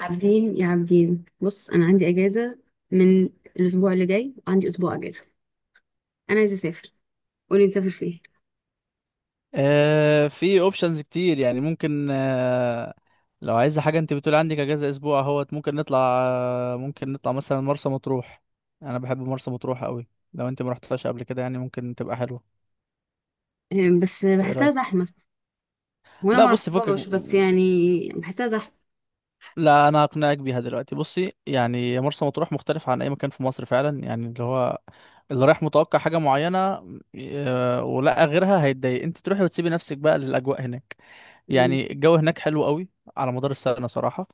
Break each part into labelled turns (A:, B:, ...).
A: عابدين، يا عابدين، بص، انا عندي اجازه من الاسبوع اللي جاي وعندي اسبوع اجازه. انا عايزه اسافر. قولي نسافر فين؟
B: آه، في اوبشنز كتير. يعني ممكن لو عايز حاجه. انت بتقول عندك اجازه اسبوع اهوت، ممكن نطلع. ممكن نطلع مثلا مرسى مطروح. انا بحب مرسى مطروح قوي. لو انت ما رحتهاش قبل كده، يعني ممكن تبقى حلوه.
A: آه، بس
B: ايه
A: بحسها
B: رايك؟
A: زحمه. وانا
B: لا
A: ما
B: بصي، فكك.
A: رحتهمش بس يعني بحسها زحمه.
B: لا انا اقنعك بيها دلوقتي. بصي، يعني مرسى مطروح مختلف عن اي مكان في مصر فعلا. يعني اللي هو اللي رايح متوقع حاجه معينه، آه، ولقى غيرها، هيتضايق. انت تروحي وتسيبي نفسك بقى للاجواء هناك.
A: مم.
B: يعني الجو هناك حلو قوي على مدار السنه صراحه.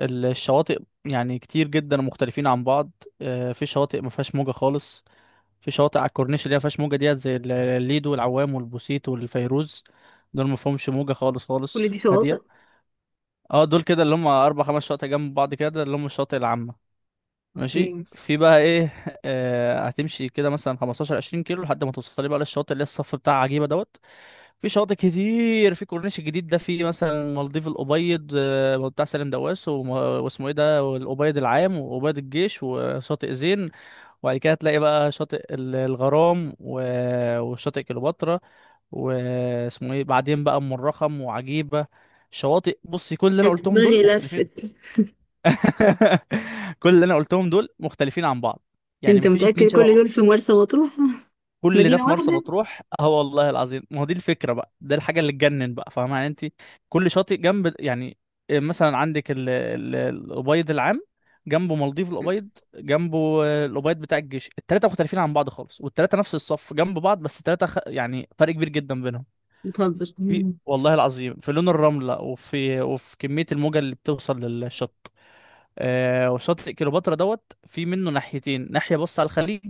B: الشواطئ يعني كتير جدا ومختلفين عن بعض. آه، في شواطئ ما فيهاش موجة خالص. في شواطئ على الكورنيش اللي هي ما فيهاش موجة ديت، زي الليد والعوام والبوسيت والفيروز. دول ما فيهمش موجة خالص،
A: كل
B: خالص
A: دي شواطئ.
B: هادية. اه، دول كده اللي هم أربع خمس شواطئ جنب بعض، كده اللي هم الشواطئ العامة. ماشي.
A: اوكي.
B: في بقى ايه؟ آه، هتمشي كده مثلا 15 20 كيلو لحد ما توصلي بقى للشاطئ اللي هي الصف بتاع عجيبه دوت. في شواطئ كتير في كورنيش الجديد ده. في مثلا مالديف الابيض، آه، بتاع سالم دواس، واسمه ايه ده، والابيض العام وابيض الجيش وشاطئ زين. وبعد كده تلاقي بقى شاطئ الغرام وشاطئ كليوباترا. واسمه ايه بعدين بقى؟ ام الرخم وعجيبه. شواطئ. بصي، كل اللي انا
A: انا
B: قلتهم
A: دماغي
B: دول مختلفين.
A: لفت.
B: كل اللي انا قلتهم دول مختلفين عن بعض. يعني
A: انت
B: مفيش اتنين
A: متاكد
B: شبه
A: كل
B: بعض.
A: دول في مرسى مطروح؟
B: كل ده
A: مدينه
B: في مرسى
A: واحده.
B: مطروح. اه والله العظيم. ما هو دي الفكره بقى، ده الحاجه اللي تجنن بقى. فاهمه يعني انت؟ كل شاطئ جنب، يعني مثلا عندك الابيض العام، جنبه مالديف الابيض، جنبه الابيض بتاع الجيش. التلاته مختلفين عن بعض خالص، والتلاته نفس الصف جنب بعض، بس التلاته يعني فرق كبير جدا بينهم.
A: بتهزر.
B: في
A: مم.
B: والله العظيم، في لون الرمله، وفي كميه الموجه اللي بتوصل للشط. آه، وشاطئ كليوباترا دوت في منه ناحيتين: ناحية بص على الخليج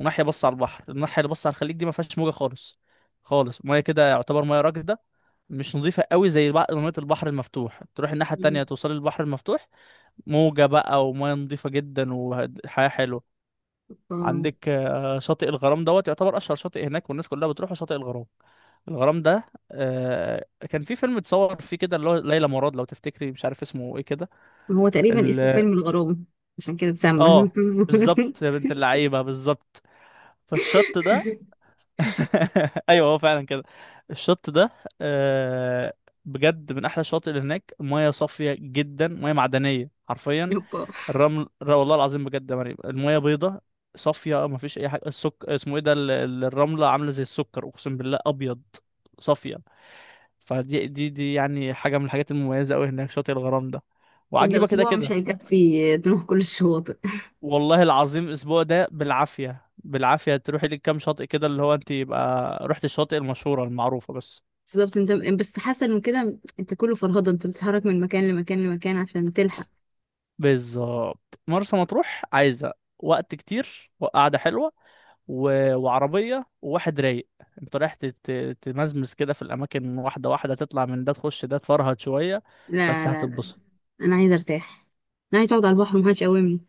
B: وناحية بص على البحر. الناحية اللي بص على الخليج دي ما فيهاش موجة خالص خالص، مية كده يعتبر مية راكدة، مش نظيفة قوي زي بقى مية البحر المفتوح. تروح الناحية التانية
A: مم.
B: توصلي للبحر المفتوح، موجة بقى ومية نظيفة جدا وحياة حلوة.
A: آه.
B: عندك آه، شاطئ الغرام دوت يعتبر أشهر شاطئ هناك، والناس كلها بتروح شاطئ الغرام. الغرام ده آه، كان في فيلم اتصور فيه كده اللي هو ليلى مراد، لو تفتكري، مش عارف اسمه ايه كده.
A: هو تقريبا اسمه
B: ال-
A: فيلم الغرام. عشان كده اتسمى.
B: اه، بالظبط يا بنت اللعيبه، بالظبط. فالشط ده ايوه، هو فعلا كده. الشط ده آه، بجد من احلى الشواطئ اللي هناك. ميه صافيه جدا، ميه معدنيه حرفيا.
A: يبا.
B: الرمل والله العظيم بجد يا مريم، الميه بيضه صافيه، ما فيش اي حاجه. السك اسمه ايه ده، الرمله عامله زي السكر، اقسم بالله ابيض صافيه. فدي دي دي يعني حاجه من الحاجات المميزه قوي هناك، شاطئ الغرام ده
A: طب ده
B: وعجيبه، كده
A: اسبوع مش
B: كده.
A: هيكفي نروح كل الشواطئ.
B: والله العظيم الاسبوع ده بالعافيه بالعافيه تروحي لك كام شاطئ كده، اللي هو انت يبقى رحت الشاطئ المشهوره المعروفه بس.
A: بالظبط انت. بس حسن من كده، انت كله فرهضه، انت بتتحرك من مكان لمكان لمكان عشان تلحق.
B: بالظبط، مرسى مطروح عايزه وقت كتير وقعده حلوه و... وعربيه وواحد رايق. انت رايح تمزمز كده في الاماكن واحده واحده، تطلع من ده تخش ده، تفرهد شويه. بس
A: لا لا لا،
B: هتتبسط.
A: انا عايزه ارتاح. انا عايزه اقعد على البحر ومحدش يقومني.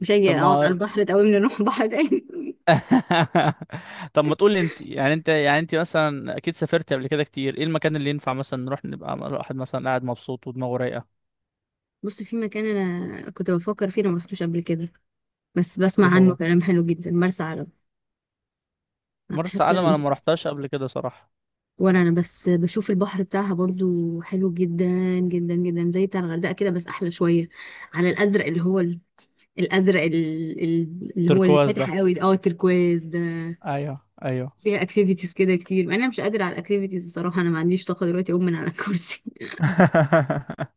A: مش هاجي
B: طب
A: اقعد على
B: ما
A: البحر تقومني نروح بحر تاني.
B: طب ما تقول لي انت مثلا اكيد سافرت قبل كده كتير، ايه المكان اللي ينفع مثلا نروح نبقى الواحد مثلا قاعد مبسوط ودماغه رايقه؟
A: بص، في مكان انا كنت بفكر فيه انا ما رحتوش قبل كده بس
B: ايه
A: بسمع عنه
B: هو؟
A: كلام حلو جدا، مرسى علم.
B: مرسى
A: حاسه.
B: علم انا ما رحتهاش قبل كده صراحة.
A: ولا انا بس بشوف البحر بتاعها برضو حلو جدا، جدا جدا زي بتاع الغردقه كده بس احلى شويه. على الازرق اللي هو الازرق اللي هو
B: تركواز ده.
A: الفاتح قوي ده، اه التركواز ده.
B: ايوه، ايوه.
A: فيها اكتيفيتيز كده كتير. انا مش قادره على الاكتيفيتيز الصراحه. انا ما عنديش طاقه دلوقتي اقوم من على الكرسي.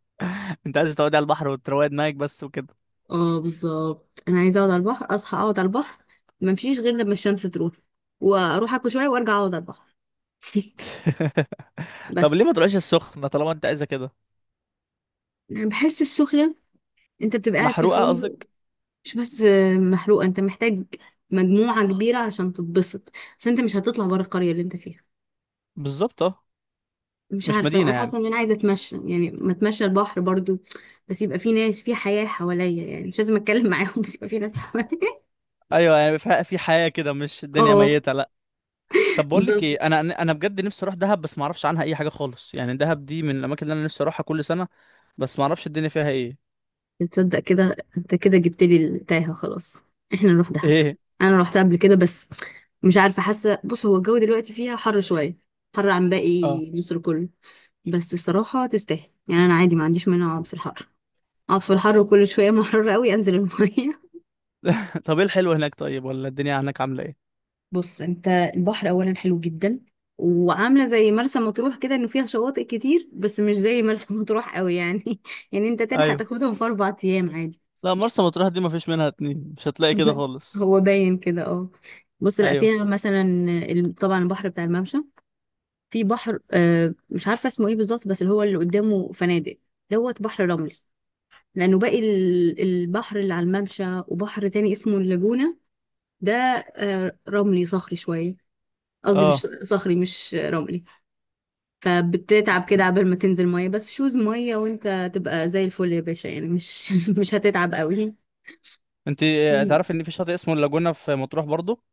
B: انت عايز تقعد على البحر وتروق دماغك بس وكده.
A: اه بالظبط، انا عايزه اقعد على البحر، اصحى اقعد على البحر، ما امشيش غير لما الشمس تروح، واروح اكل شويه وارجع اقعد على البحر.
B: طب ليه ما
A: بس.
B: تروحش السخنة طالما انت عايزة كده؟
A: انا بحس السخنه انت بتبقى قاعد في
B: محروقة
A: الفندق.
B: قصدك.
A: مش بس محروقه، انت محتاج مجموعه كبيره عشان تتبسط. بس انت مش هتطلع بره القريه اللي انت فيها.
B: بالظبط. اه،
A: مش
B: مش
A: عارفة،
B: مدينة
A: أنا
B: يعني.
A: حاسة إن أنا عايزة أتمشى يعني ما أتمشى البحر برضو. بس يبقى في ناس، في حياة حواليا يعني مش لازم أتكلم معاهم، بس يبقى في ناس حواليا.
B: ايوه، يعني في حياة كده، مش الدنيا
A: اه
B: ميتة، لا. طب بقول لك ايه،
A: بالظبط.
B: انا بجد نفسي اروح دهب، بس ما اعرفش عنها اي حاجة خالص. يعني دهب دي من الاماكن اللي انا نفسي اروحها كل سنة، بس ما اعرفش الدنيا فيها ايه.
A: تصدق كده أنت كده جبت لي التايهة. خلاص إحنا نروح دهب.
B: ايه.
A: أنا روحت قبل كده بس مش عارفة، حاسة، بص هو الجو دلوقتي فيها حر شوية، حر عن
B: اه.
A: باقي مصر كله. بس الصراحة تستاهل يعني، أنا عادي ما عنديش مانع أقعد في الحر. أقعد في الحر وكل شوية محررة أوي أنزل المية.
B: طب ايه الحلو هناك طيب؟ ولا الدنيا هناك عاملة ايه؟
A: بص، انت البحر اولا حلو جدا، وعامله زي مرسى مطروح كده انه فيها شواطئ كتير بس مش زي مرسى مطروح قوي يعني يعني انت تلحق
B: ايوه.
A: تاخدهم في 4 ايام عادي.
B: لا مرسى مطروح دي مفيش منها اتنين، مش هتلاقي كده خالص.
A: هو باين كده اه. بص، لا
B: ايوه.
A: فيها مثلا طبعا البحر بتاع الممشى. في بحر، مش عارفه اسمه ايه بالظبط بس اللي هو اللي قدامه فنادق دوت، بحر رملي. لانه باقي البحر اللي على الممشى، وبحر تاني اسمه اللاجونه ده، رملي صخري شويه. قصدي مش
B: اه،
A: صخري، مش رملي. فبتتعب كده عبال ما تنزل ميه، بس شوز ميه وانت تبقى زي الفل يا باشا، يعني مش مش هتتعب قوي.
B: انت آه،
A: مم.
B: تعرف ان في شاطئ اسمه اللاجونة في مطروح برضو؟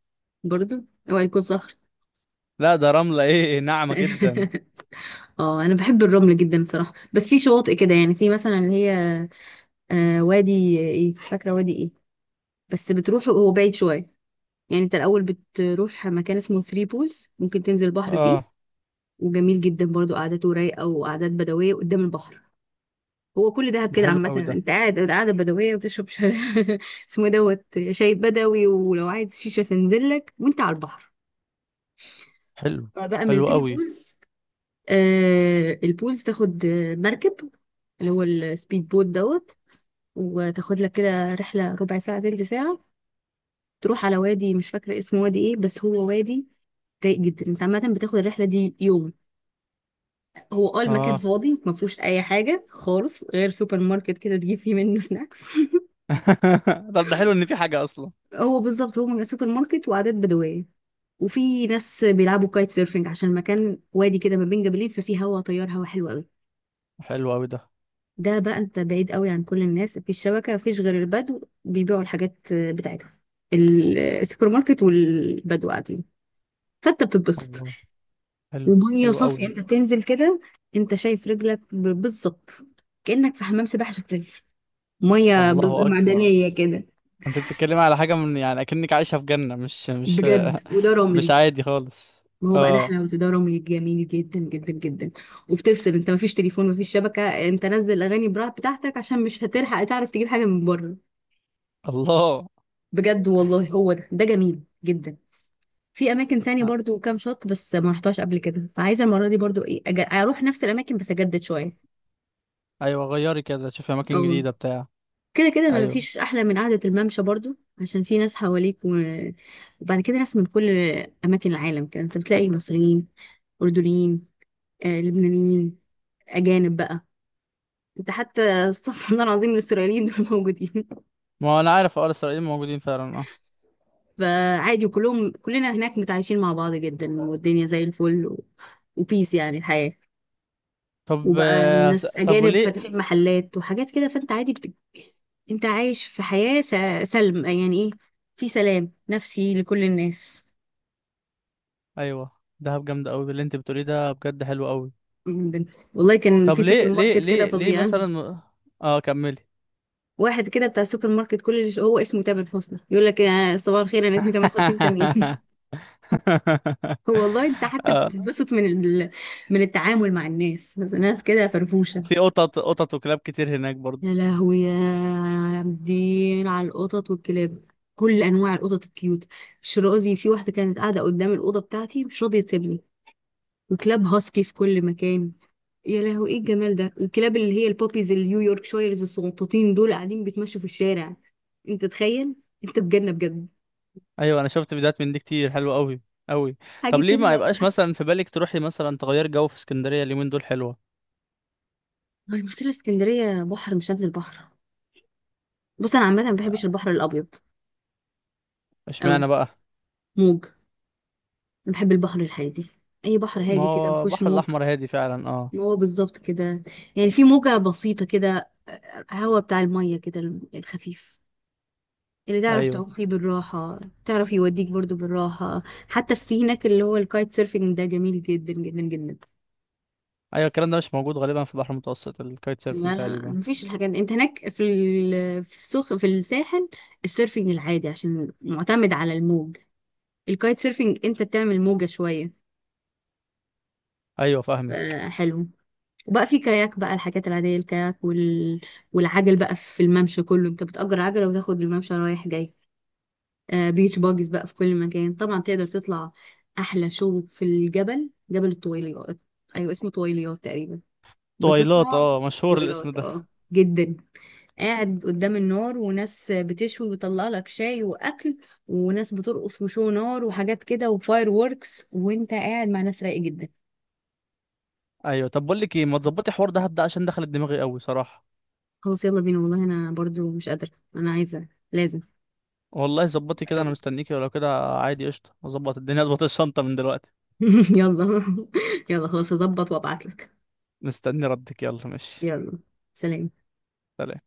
A: برضو اوعى يكون صخر.
B: لا، ده رملة ايه، ناعمة جدا.
A: اه انا بحب الرمل جدا الصراحه، بس في شواطئ كده يعني، في مثلا اللي هي وادي ايه، مش فاكره وادي ايه، بس بتروح هو بعيد شويه. يعني انت الاول بتروح مكان اسمه ثري بولز، ممكن تنزل بحر فيه
B: اه.
A: وجميل جدا برضو، قعدته رايقه وقعدات بدويه قدام البحر. هو كل دهب
B: ده
A: كده
B: حلو
A: عامة
B: قوي ده.
A: انت قاعد قاعدة بدوية وتشرب اسمه إيه دوت، شاي بدوي، ولو عايز شيشة تنزل لك وانت على البحر.
B: حلو.
A: فبقى
B: حلو
A: ميلتري
B: قوي.
A: بولز. البولز تاخد، مركب اللي هو السبيد بوت دوت، وتاخد لك كده رحلة ربع ساعة تلت ساعة، تروح على وادي، مش فاكرة اسمه وادي ايه، بس هو وادي رايق جدا. انت عامة بتاخد الرحلة دي يوم. هو المكان
B: اه.
A: فاضي، ما فيهوش اي حاجة خالص غير سوبر ماركت كده تجيب فيه منه سناكس.
B: طب ده حلو، ان في حاجة اصلا.
A: هو بالظبط هو سوبر ماركت وعادات بدوية. وفي ناس بيلعبوا كايت سيرفنج، عشان المكان وادي كده ما بين جبلين، ففي هوا طيار، هوا حلو قوي.
B: حلو قوي ده.
A: ده بقى انت بعيد قوي عن كل الناس، مفيش شبكة، مفيش غير البدو بيبيعوا الحاجات بتاعتهم، السوبر ماركت والبدو قاعدين. فانت بتتبسط.
B: الله. حلو.
A: ومية
B: حلو
A: صافية،
B: قوي.
A: انت بتنزل كده، انت شايف رجلك بالظبط كأنك في حمام سباحة شفاف. مية
B: الله اكبر.
A: معدنية كده.
B: انت بتتكلم على حاجة من يعني اكنك عايشة في جنة، مش مش
A: بجد، وده
B: مش
A: رملي.
B: عادي خالص.
A: ما هو بقى ده
B: اه.
A: حلاوة تدرم، جميل جدا جدا جدا. وبتفصل، انت مفيش تليفون، مفيش شبكة، انت نزل اغاني براحة بتاعتك عشان مش هتلحق تعرف تجيب حاجة من بره.
B: الله.
A: بجد والله هو ده جميل جدا. في اماكن تانية
B: آه،
A: برضو كام شط بس ما رحتهاش قبل كده، فعايزة المرة دي برضو ايه، اروح نفس الاماكن بس اجدد شوية.
B: ايوه، غيري كده، شوفي اماكن
A: اه
B: جديدة بتاع.
A: كده كده ما
B: ايوه،
A: فيش احلى من قعدة الممشى برضو، عشان في ناس حواليك وبعد كده ناس من كل اماكن العالم كده، انت بتلاقي مصريين، اردنيين، لبنانيين، اجانب بقى. انت حتى استغفر الله العظيم، الاسرائيليين دول موجودين،
B: ما هو انا عارف، اه الاسرائيليين موجودين فعلا اه.
A: فعادي، وكلهم، كلنا هناك متعايشين مع بعض جدا والدنيا زي الفل وبيس، يعني الحياة.
B: طب
A: وبقى
B: آه،
A: ناس
B: طب
A: اجانب
B: وليه؟
A: فاتحين محلات وحاجات كده، فانت عادي انت عايش في حياة سلم يعني ايه، في سلام نفسي لكل الناس.
B: ايوه، دهب جامده قوي اللي انت بتقوليه ده، بجد حلو قوي.
A: جدا. والله كان
B: طب
A: في سوبر
B: ليه ليه
A: ماركت كده
B: ليه ليه
A: فظيع.
B: مثلا؟ اه، كملي.
A: واحد كده بتاع السوبر ماركت كل اللي هو اسمه تامر حسني، يقول لك يا صباح الخير انا اسمي تامر حسني انت مين. والله انت حتى
B: اه.
A: بتتبسط من من التعامل مع الناس، بس ناس كده فرفوشة.
B: وفي قطط وكلاب كتير هناك برضه.
A: يا لهوي، يا دين على القطط والكلاب، كل انواع القطط الكيوت، الشرازي، في واحدة كانت قاعدة قدام الأوضة بتاعتي مش راضية تسيبني. وكلاب هاسكي في كل مكان. يا لهوي ايه الجمال ده، الكلاب اللي هي البوبيز النيويورك شايرز الصغنطوطين دول قاعدين بيتمشوا في الشارع. انت تخيل، انت في جنة بجد.
B: ايوه، انا شفت فيديوهات من دي كتير، حلوه قوي قوي.
A: حاجة
B: طب ليه ما
A: كده.
B: يبقاش مثلا في بالك تروحي مثلا تغير جو في اسكندريه؟ اليومين دول حلوه.
A: هو المشكلة اسكندرية بحر، مش هنزل بحر. بص، انا عامة ما بحبش
B: آه،
A: البحر الابيض قوي.
B: اشمعنى بقى؟
A: موج. انا بحب البحر الهادي، اي بحر
B: ما
A: هادي كده ما
B: هو
A: فيهوش
B: البحر
A: موج.
B: الاحمر هادي فعلا اه.
A: هو بالظبط كده. يعني في موجة بسيطة كده، هوا بتاع المية كده الخفيف، اللي تعرف
B: ايوه،
A: تعوم فيه بالراحة، تعرف يوديك برضو بالراحة. حتى في هناك اللي هو الكايت سيرفينج ده جميل جدا جدا جدا.
B: ايوه الكلام ده مش موجود غالبا في البحر المتوسط، الكايت
A: لا
B: سيرفينج
A: لا لا،
B: تقريبا.
A: مفيش الحاجات دي. انت هناك في في السوق، في الساحل. السيرفينج العادي عشان معتمد على الموج. الكايت سيرفينج انت بتعمل موجة شوية.
B: ايوه،
A: ف-
B: فاهمك.
A: حلو. وبقى في كاياك بقى الحاجات العادية، الكاياك والعجل بقى في الممشى كله انت بتأجر عجلة وتاخد الممشى رايح جاي. آه بيتش باجز بقى في كل مكان طبعا تقدر تطلع. أحلى شو في الجبل، جبل الطويليات. أيوة اسمه طويليات تقريبا.
B: طويلات،
A: بتطلع.
B: اه مشهور الاسم
A: طويلات
B: ده.
A: جدا. قاعد قدام النار وناس بتشوي وبيطلع لك شاي وأكل وناس بترقص وشو نار وحاجات كده وفاير ووركس وانت قاعد مع ناس رايقة جدا.
B: ايوه. طب بقول لك ايه، ما تظبطي حوار دهب ده، عشان دخلت دماغي قوي صراحه.
A: خلاص يلا بينا، والله انا برضو مش قادرة. انا عايزة لازم.
B: والله ظبطي كده، انا
A: يلا.
B: مستنيكي، ولو كده عادي قشطه، اظبط الدنيا، اظبط الشنطه من دلوقتي.
A: يلا. يلا خلاص، هظبط وابعتلك.
B: مستني ردك، يلا ماشي.
A: يلا. سلام.
B: سلام.